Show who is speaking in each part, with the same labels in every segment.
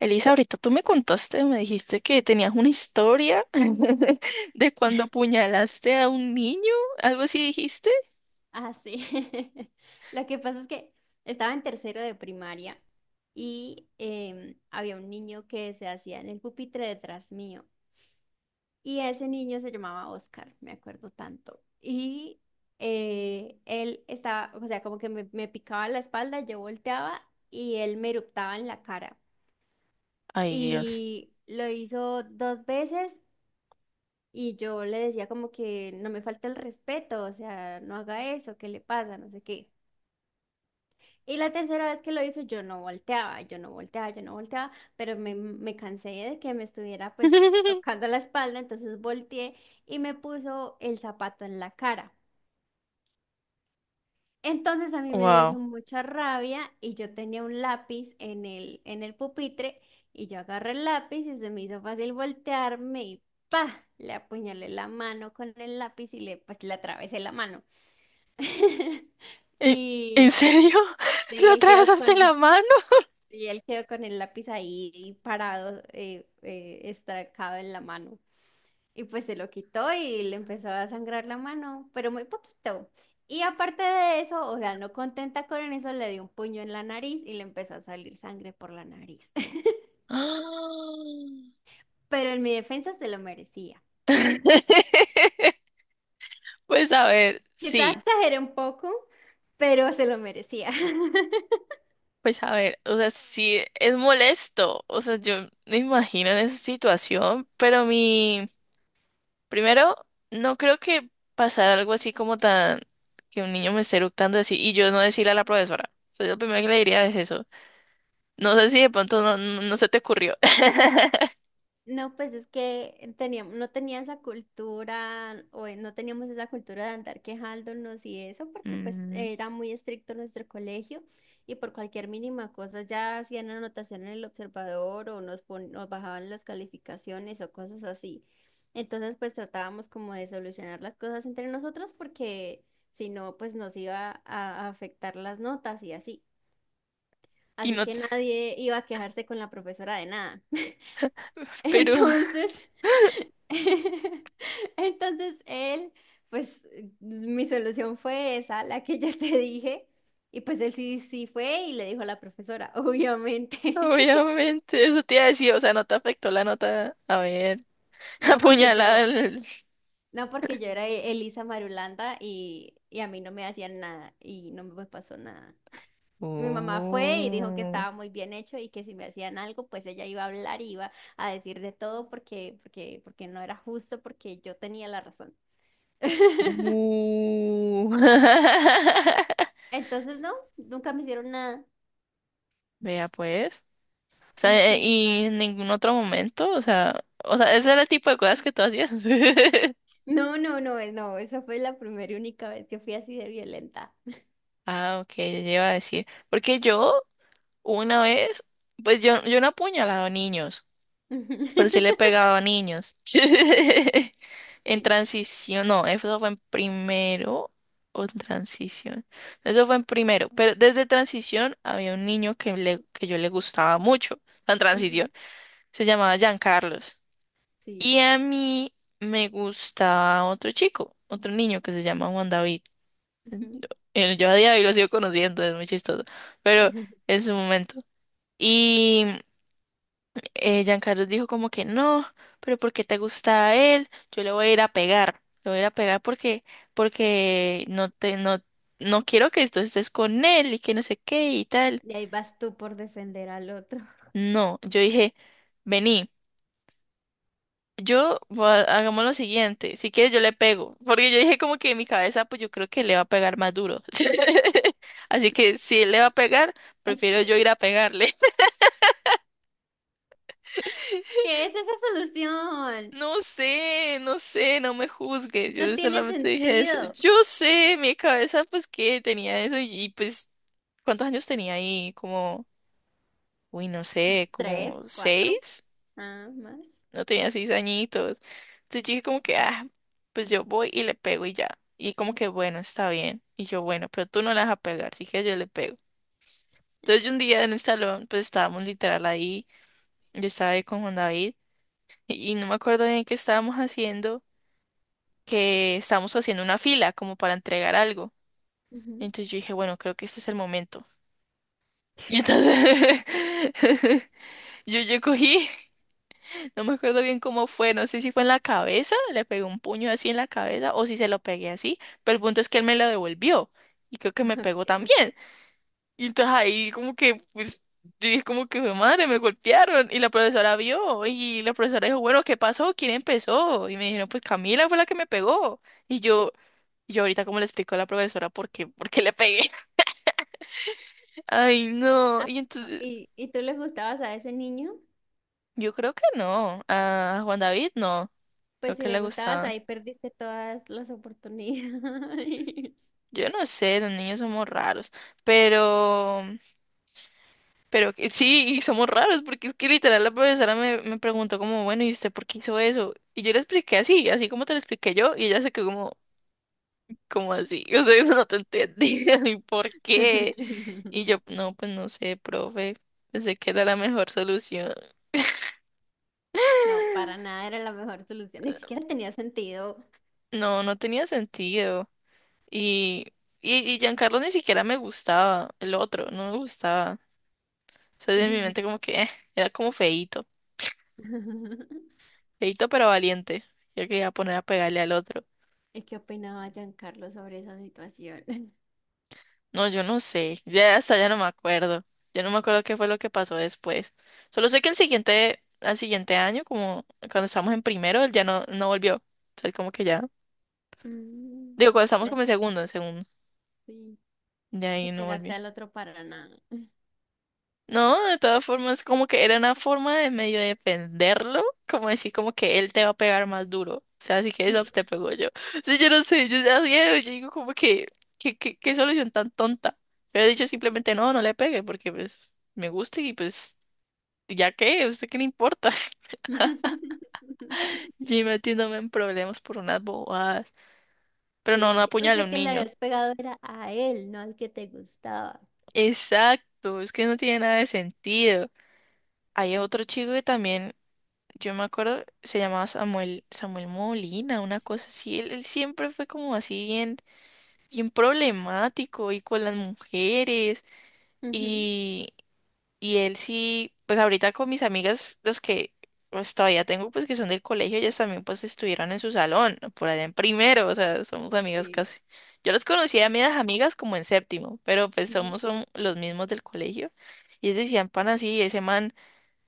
Speaker 1: Elisa, ahorita tú me contaste, me dijiste que tenías una historia de cuando apuñalaste a un niño, algo así dijiste.
Speaker 2: Ah, sí. Lo que pasa es que estaba en tercero de primaria y había un niño que se hacía en el pupitre detrás mío. Y ese niño se llamaba Oscar, me acuerdo tanto. Y él estaba, o sea, como que me picaba la espalda, yo volteaba y él me eruptaba en la cara.
Speaker 1: Ay, Dios.
Speaker 2: Y lo hizo dos veces y yo le decía como que no me falta el respeto, o sea, no haga eso, ¿qué le pasa? No sé qué. Y la tercera vez que lo hizo, yo no volteaba, yo no volteaba, yo no volteaba, pero me cansé de que me estuviera pues tocando la espalda, entonces volteé y me puso el zapato en la cara. Entonces a mí me dio eso
Speaker 1: Wow.
Speaker 2: mucha rabia y yo tenía un lápiz en el pupitre y yo agarré el lápiz y se me hizo fácil voltearme y ¡pa! Le apuñalé la mano con el lápiz y le pues le atravesé la mano.
Speaker 1: ¿En, en
Speaker 2: Y,
Speaker 1: serio? ¿Se
Speaker 2: y él quedó con
Speaker 1: atravesaste la mano?
Speaker 2: Y él quedó con el lápiz ahí parado, estracado en la mano. Y pues se lo quitó y le empezó a sangrar la mano, pero muy poquito. Y aparte de eso, o sea, no contenta con eso, le dio un puño en la nariz y le empezó a salir sangre por la nariz. Pero en mi defensa se lo merecía.
Speaker 1: Pues a ver,
Speaker 2: Quizá
Speaker 1: sí,
Speaker 2: exageré un poco, pero se lo merecía.
Speaker 1: pues a ver, o sea, sí, es molesto, o sea, yo me imagino en esa situación, pero mi, primero, no creo que pasara algo así como tan, que un niño me esté eructando así, y yo no decirle a la profesora, o sea, yo lo primero que le diría es eso, no sé si de pronto no, no, se te ocurrió.
Speaker 2: No, pues es que no tenía esa cultura, o no teníamos esa cultura de andar quejándonos y eso, porque pues
Speaker 1: Mm,
Speaker 2: era muy estricto nuestro colegio y por cualquier mínima cosa ya hacían anotación en el observador o nos bajaban las calificaciones o cosas así. Entonces pues tratábamos como de solucionar las cosas entre nosotros porque si no pues nos iba a afectar las notas y así.
Speaker 1: y
Speaker 2: Así
Speaker 1: no,
Speaker 2: que nadie iba a quejarse con la profesora de nada.
Speaker 1: pero
Speaker 2: Entonces... Entonces él, pues mi solución fue esa, la que ya te dije, y pues él sí, sí fue y le dijo a la profesora, obviamente.
Speaker 1: obviamente eso te iba a decir, o sea, no te afectó la nota, a ver,
Speaker 2: No porque
Speaker 1: apuñalada.
Speaker 2: yo, no porque yo era Elisa Marulanda y a mí no me hacían nada y no me pasó nada. Mi mamá fue y dijo que
Speaker 1: Oh.
Speaker 2: estaba muy bien hecho y que si me hacían algo, pues ella iba a hablar, y iba a decir de todo porque no era justo, porque yo tenía la razón.
Speaker 1: Uh.
Speaker 2: Entonces, no, nunca me hicieron nada.
Speaker 1: Vea pues. O sea,
Speaker 2: Ujú.
Speaker 1: y en ningún otro momento, o sea, ese era el tipo de cosas que tú hacías.
Speaker 2: No, no, no, no, esa fue la primera y única vez que fui así de violenta.
Speaker 1: Ah, ok, yo iba a decir. Porque una vez, pues yo no apuñalaba niños.
Speaker 2: Ujú.
Speaker 1: Pero sí le he pegado a niños. En
Speaker 2: Sí,
Speaker 1: transición, no, eso fue en primero o en transición. Eso fue en primero, pero desde transición había un niño que, le, que yo le gustaba mucho, en
Speaker 2: ujú,
Speaker 1: transición, se llamaba Giancarlos.
Speaker 2: sí.
Speaker 1: Y a mí me gustaba otro chico, otro niño que se llama Juan David.
Speaker 2: Ujú.
Speaker 1: Yo a día de hoy lo sigo conociendo, es muy chistoso, pero en su momento. Y Giancarlo dijo como que no, pero ¿porque te gusta a él? Yo le voy a ir a pegar, le voy a ir a pegar porque, porque no te, no, no quiero que tú estés con él y que no sé qué y tal.
Speaker 2: Y ahí vas tú por defender al otro.
Speaker 1: No, yo dije, vení, hagamos lo siguiente, si quieres yo le pego, porque yo dije como que en mi cabeza, pues yo creo que le va a pegar más duro. Así que si él le va a pegar,
Speaker 2: Ok.
Speaker 1: prefiero yo ir a pegarle.
Speaker 2: ¿Qué es esa solución?
Speaker 1: No sé, no sé, no me juzgues.
Speaker 2: No
Speaker 1: Yo
Speaker 2: tiene
Speaker 1: solamente dije eso.
Speaker 2: sentido.
Speaker 1: Yo sé, mi cabeza, pues que tenía eso pues, ¿cuántos años tenía ahí? Como, uy, no sé,
Speaker 2: Tres,
Speaker 1: como
Speaker 2: cuatro,
Speaker 1: seis.
Speaker 2: ah, más.
Speaker 1: No tenía seis añitos. Entonces yo dije como que, ah, pues yo voy y le pego y ya. Y como que, bueno, está bien. Y yo, bueno, pero tú no la vas a pegar, así que yo le pego. Entonces yo un día en el salón, pues estábamos literal ahí. Yo estaba ahí con Juan David y no me acuerdo bien qué estábamos haciendo. Que estábamos haciendo una fila como para entregar algo.
Speaker 2: Ujú.
Speaker 1: Entonces yo dije, bueno, creo que este es el momento. Y entonces yo cogí, no me acuerdo bien cómo fue, no sé si fue en la cabeza, le pegué un puño así en la cabeza o si se lo pegué así, pero el punto es que él me lo devolvió y creo que me pegó
Speaker 2: Ok.
Speaker 1: también. Y entonces ahí como que, pues, yo dije como que: "Jue madre, me golpearon" y la profesora vio y la profesora dijo, bueno, ¿qué pasó? ¿Quién empezó? Y me dijeron, pues Camila fue la que me pegó. Y yo... Y yo ahorita como le explico a la profesora por qué le pegué. Ay, no.
Speaker 2: Ay,
Speaker 1: Y
Speaker 2: no,
Speaker 1: entonces,
Speaker 2: ¿y, y tú le gustabas a ese niño?
Speaker 1: yo creo que no. A Juan David no. Creo
Speaker 2: Pues si
Speaker 1: que
Speaker 2: le
Speaker 1: le
Speaker 2: gustabas,
Speaker 1: gustaba.
Speaker 2: ahí perdiste todas las oportunidades.
Speaker 1: Yo no sé, los niños somos raros. Pero, sí, y somos raros, porque es que literal la profesora me, me preguntó como, bueno, ¿y usted por qué hizo eso? Y yo le expliqué así, así como te lo expliqué yo, y ella se quedó como, como así. O sea, no te entendí. ¿Y por qué? Y yo, no, pues no sé, profe. Pensé que era la mejor solución.
Speaker 2: No, para nada era la mejor solución. Ni siquiera tenía sentido.
Speaker 1: No, no tenía sentido. Y, y Giancarlo ni siquiera me gustaba, el otro, no me gustaba. O sea, en mi mente como que era como feíto, feíto pero valiente. Yo quería poner a pegarle al otro.
Speaker 2: ¿Y qué opinaba Giancarlo sobre esa situación?
Speaker 1: No, yo no sé, ya hasta ya no me acuerdo. Yo no me acuerdo qué fue lo que pasó después. Solo sé que el siguiente, al siguiente año, como cuando estábamos en primero, él ya no, no volvió. O sea, él como que ya.
Speaker 2: Mm,
Speaker 1: Digo, cuando estábamos
Speaker 2: la-
Speaker 1: como en segundo.
Speaker 2: sí,
Speaker 1: De
Speaker 2: que
Speaker 1: ahí no
Speaker 2: pegaste
Speaker 1: volvió.
Speaker 2: al otro para nada.
Speaker 1: No, de todas formas, como que era una forma de medio defenderlo, como decir como que él te va a pegar más duro. O sea, así que eso te pegó yo. Sí, yo no sé, yo ya yo digo como que, qué solución tan tonta. Pero he dicho
Speaker 2: Sí.
Speaker 1: simplemente no, no le pegue, porque pues me gusta y pues ya qué, ¿a usted qué le importa? Yo metiéndome en problemas por unas bobadas. Pero no, no
Speaker 2: Sí, yo
Speaker 1: apuñale a
Speaker 2: pensé
Speaker 1: un
Speaker 2: que le
Speaker 1: niño.
Speaker 2: habías pegado era a él, no al que te gustaba.
Speaker 1: Exacto, es que no tiene nada de sentido. Hay otro chico que también. Yo me acuerdo, se llamaba Samuel, Samuel Molina, una cosa así. Él siempre fue como así bien, bien problemático y con las mujeres.
Speaker 2: Ujú,
Speaker 1: Y, y él sí, pues ahorita con mis amigas, los que pues todavía tengo, pues que son del colegio, ellas también pues estuvieron en su salón, por allá en primero, o sea, somos amigas
Speaker 2: sí.
Speaker 1: casi. Yo los conocí a mis amigas como en séptimo, pero pues
Speaker 2: Ujú.
Speaker 1: somos son los mismos del colegio. Y ellos decían, pan así, ese man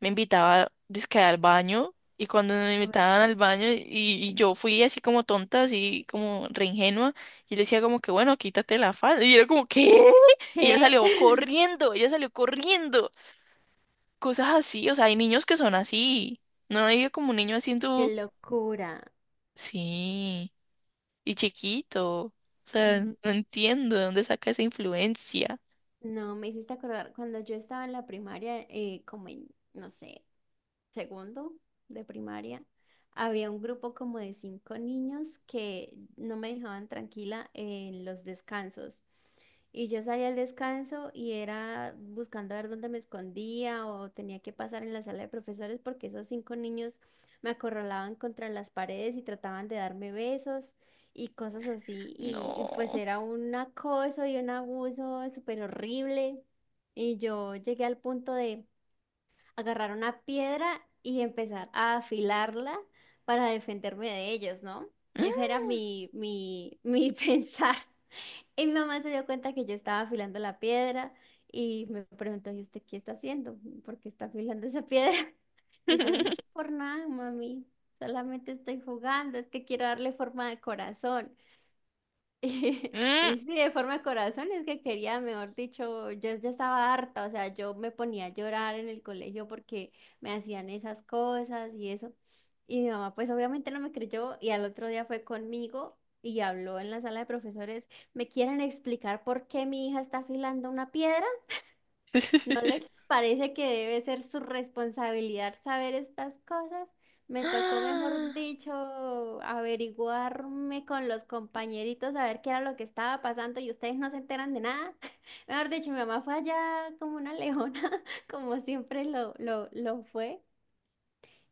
Speaker 1: me invitaba dizque al baño y cuando me invitaban
Speaker 2: Ush.
Speaker 1: al baño y yo fui así como tonta, así como re ingenua y le decía como que bueno, quítate la falda y era como ¿qué? Y
Speaker 2: ¿Qué?
Speaker 1: ella salió corriendo, cosas así, o sea, hay niños que son así, no hay como un niño así en tu...
Speaker 2: Qué locura.
Speaker 1: Sí, y chiquito, o sea,
Speaker 2: Mm,
Speaker 1: no entiendo de dónde saca esa influencia,
Speaker 2: no, me hiciste acordar cuando yo estaba en la primaria, como en, no sé. Segundo de primaria, había un grupo como de cinco niños que no me dejaban tranquila en los descansos. Y yo salía al descanso y era buscando a ver dónde me escondía o tenía que pasar en la sala de profesores porque esos cinco niños me acorralaban contra las paredes y trataban de darme besos y cosas así. Y pues
Speaker 1: no.
Speaker 2: era un acoso y un abuso súper horrible. Y yo llegué al punto de agarrar una piedra y empezar a afilarla para defenderme de ellos, ¿no?
Speaker 1: Mm.
Speaker 2: Ese era mi pensar. Y mi mamá se dio cuenta que yo estaba afilando la piedra y me preguntó, ¿y usted qué está haciendo? ¿Por qué está afilando esa piedra? Y yo, no, por nada, mami, solamente estoy jugando, es que quiero darle forma de corazón. Y
Speaker 1: Mm.
Speaker 2: sí, de forma de corazón es que quería, mejor dicho, yo ya estaba harta, o sea, yo me ponía a llorar en el colegio porque me hacían esas cosas y eso. Y mi mamá pues obviamente no me creyó y al otro día fue conmigo y habló en la sala de profesores, ¿me quieren explicar por qué mi hija está afilando una piedra? ¿No les parece que debe ser su responsabilidad saber estas cosas? Me tocó, mejor
Speaker 1: Ah.
Speaker 2: dicho, averiguarme con los compañeritos a ver qué era lo que estaba pasando y ustedes no se enteran de nada. Mejor dicho, mi mamá fue allá como una leona, como siempre lo fue.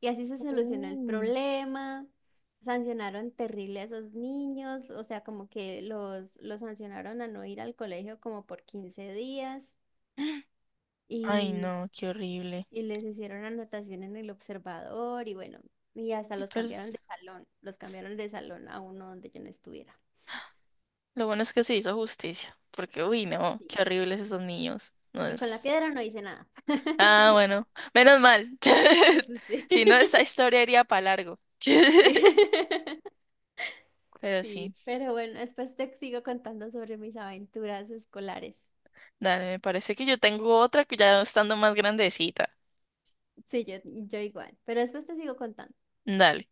Speaker 2: Y así se solucionó el
Speaker 1: Uh.
Speaker 2: problema. Sancionaron terrible a esos niños, o sea, como que los sancionaron a no ir al colegio como por 15 días.
Speaker 1: Ay, no, qué horrible.
Speaker 2: Y les hicieron anotación en el observador y bueno, y hasta los
Speaker 1: Pero
Speaker 2: cambiaron
Speaker 1: es-
Speaker 2: de salón, los cambiaron de salón a uno donde yo no estuviera.
Speaker 1: lo bueno es que se hizo justicia, porque, uy, no,
Speaker 2: Sí.
Speaker 1: qué horribles esos niños. No
Speaker 2: Y con la
Speaker 1: es...
Speaker 2: piedra no hice nada.
Speaker 1: Ah, bueno, menos mal.
Speaker 2: Sí, sí, sí.
Speaker 1: Si no, esta historia iría para largo.
Speaker 2: Sí.
Speaker 1: Pero
Speaker 2: Sí,
Speaker 1: sí,
Speaker 2: pero bueno, después te sigo contando sobre mis aventuras escolares.
Speaker 1: dale, me parece que yo tengo otra que ya estando más grandecita.
Speaker 2: Sí, yo igual, pero después te sigo contando.
Speaker 1: Dale.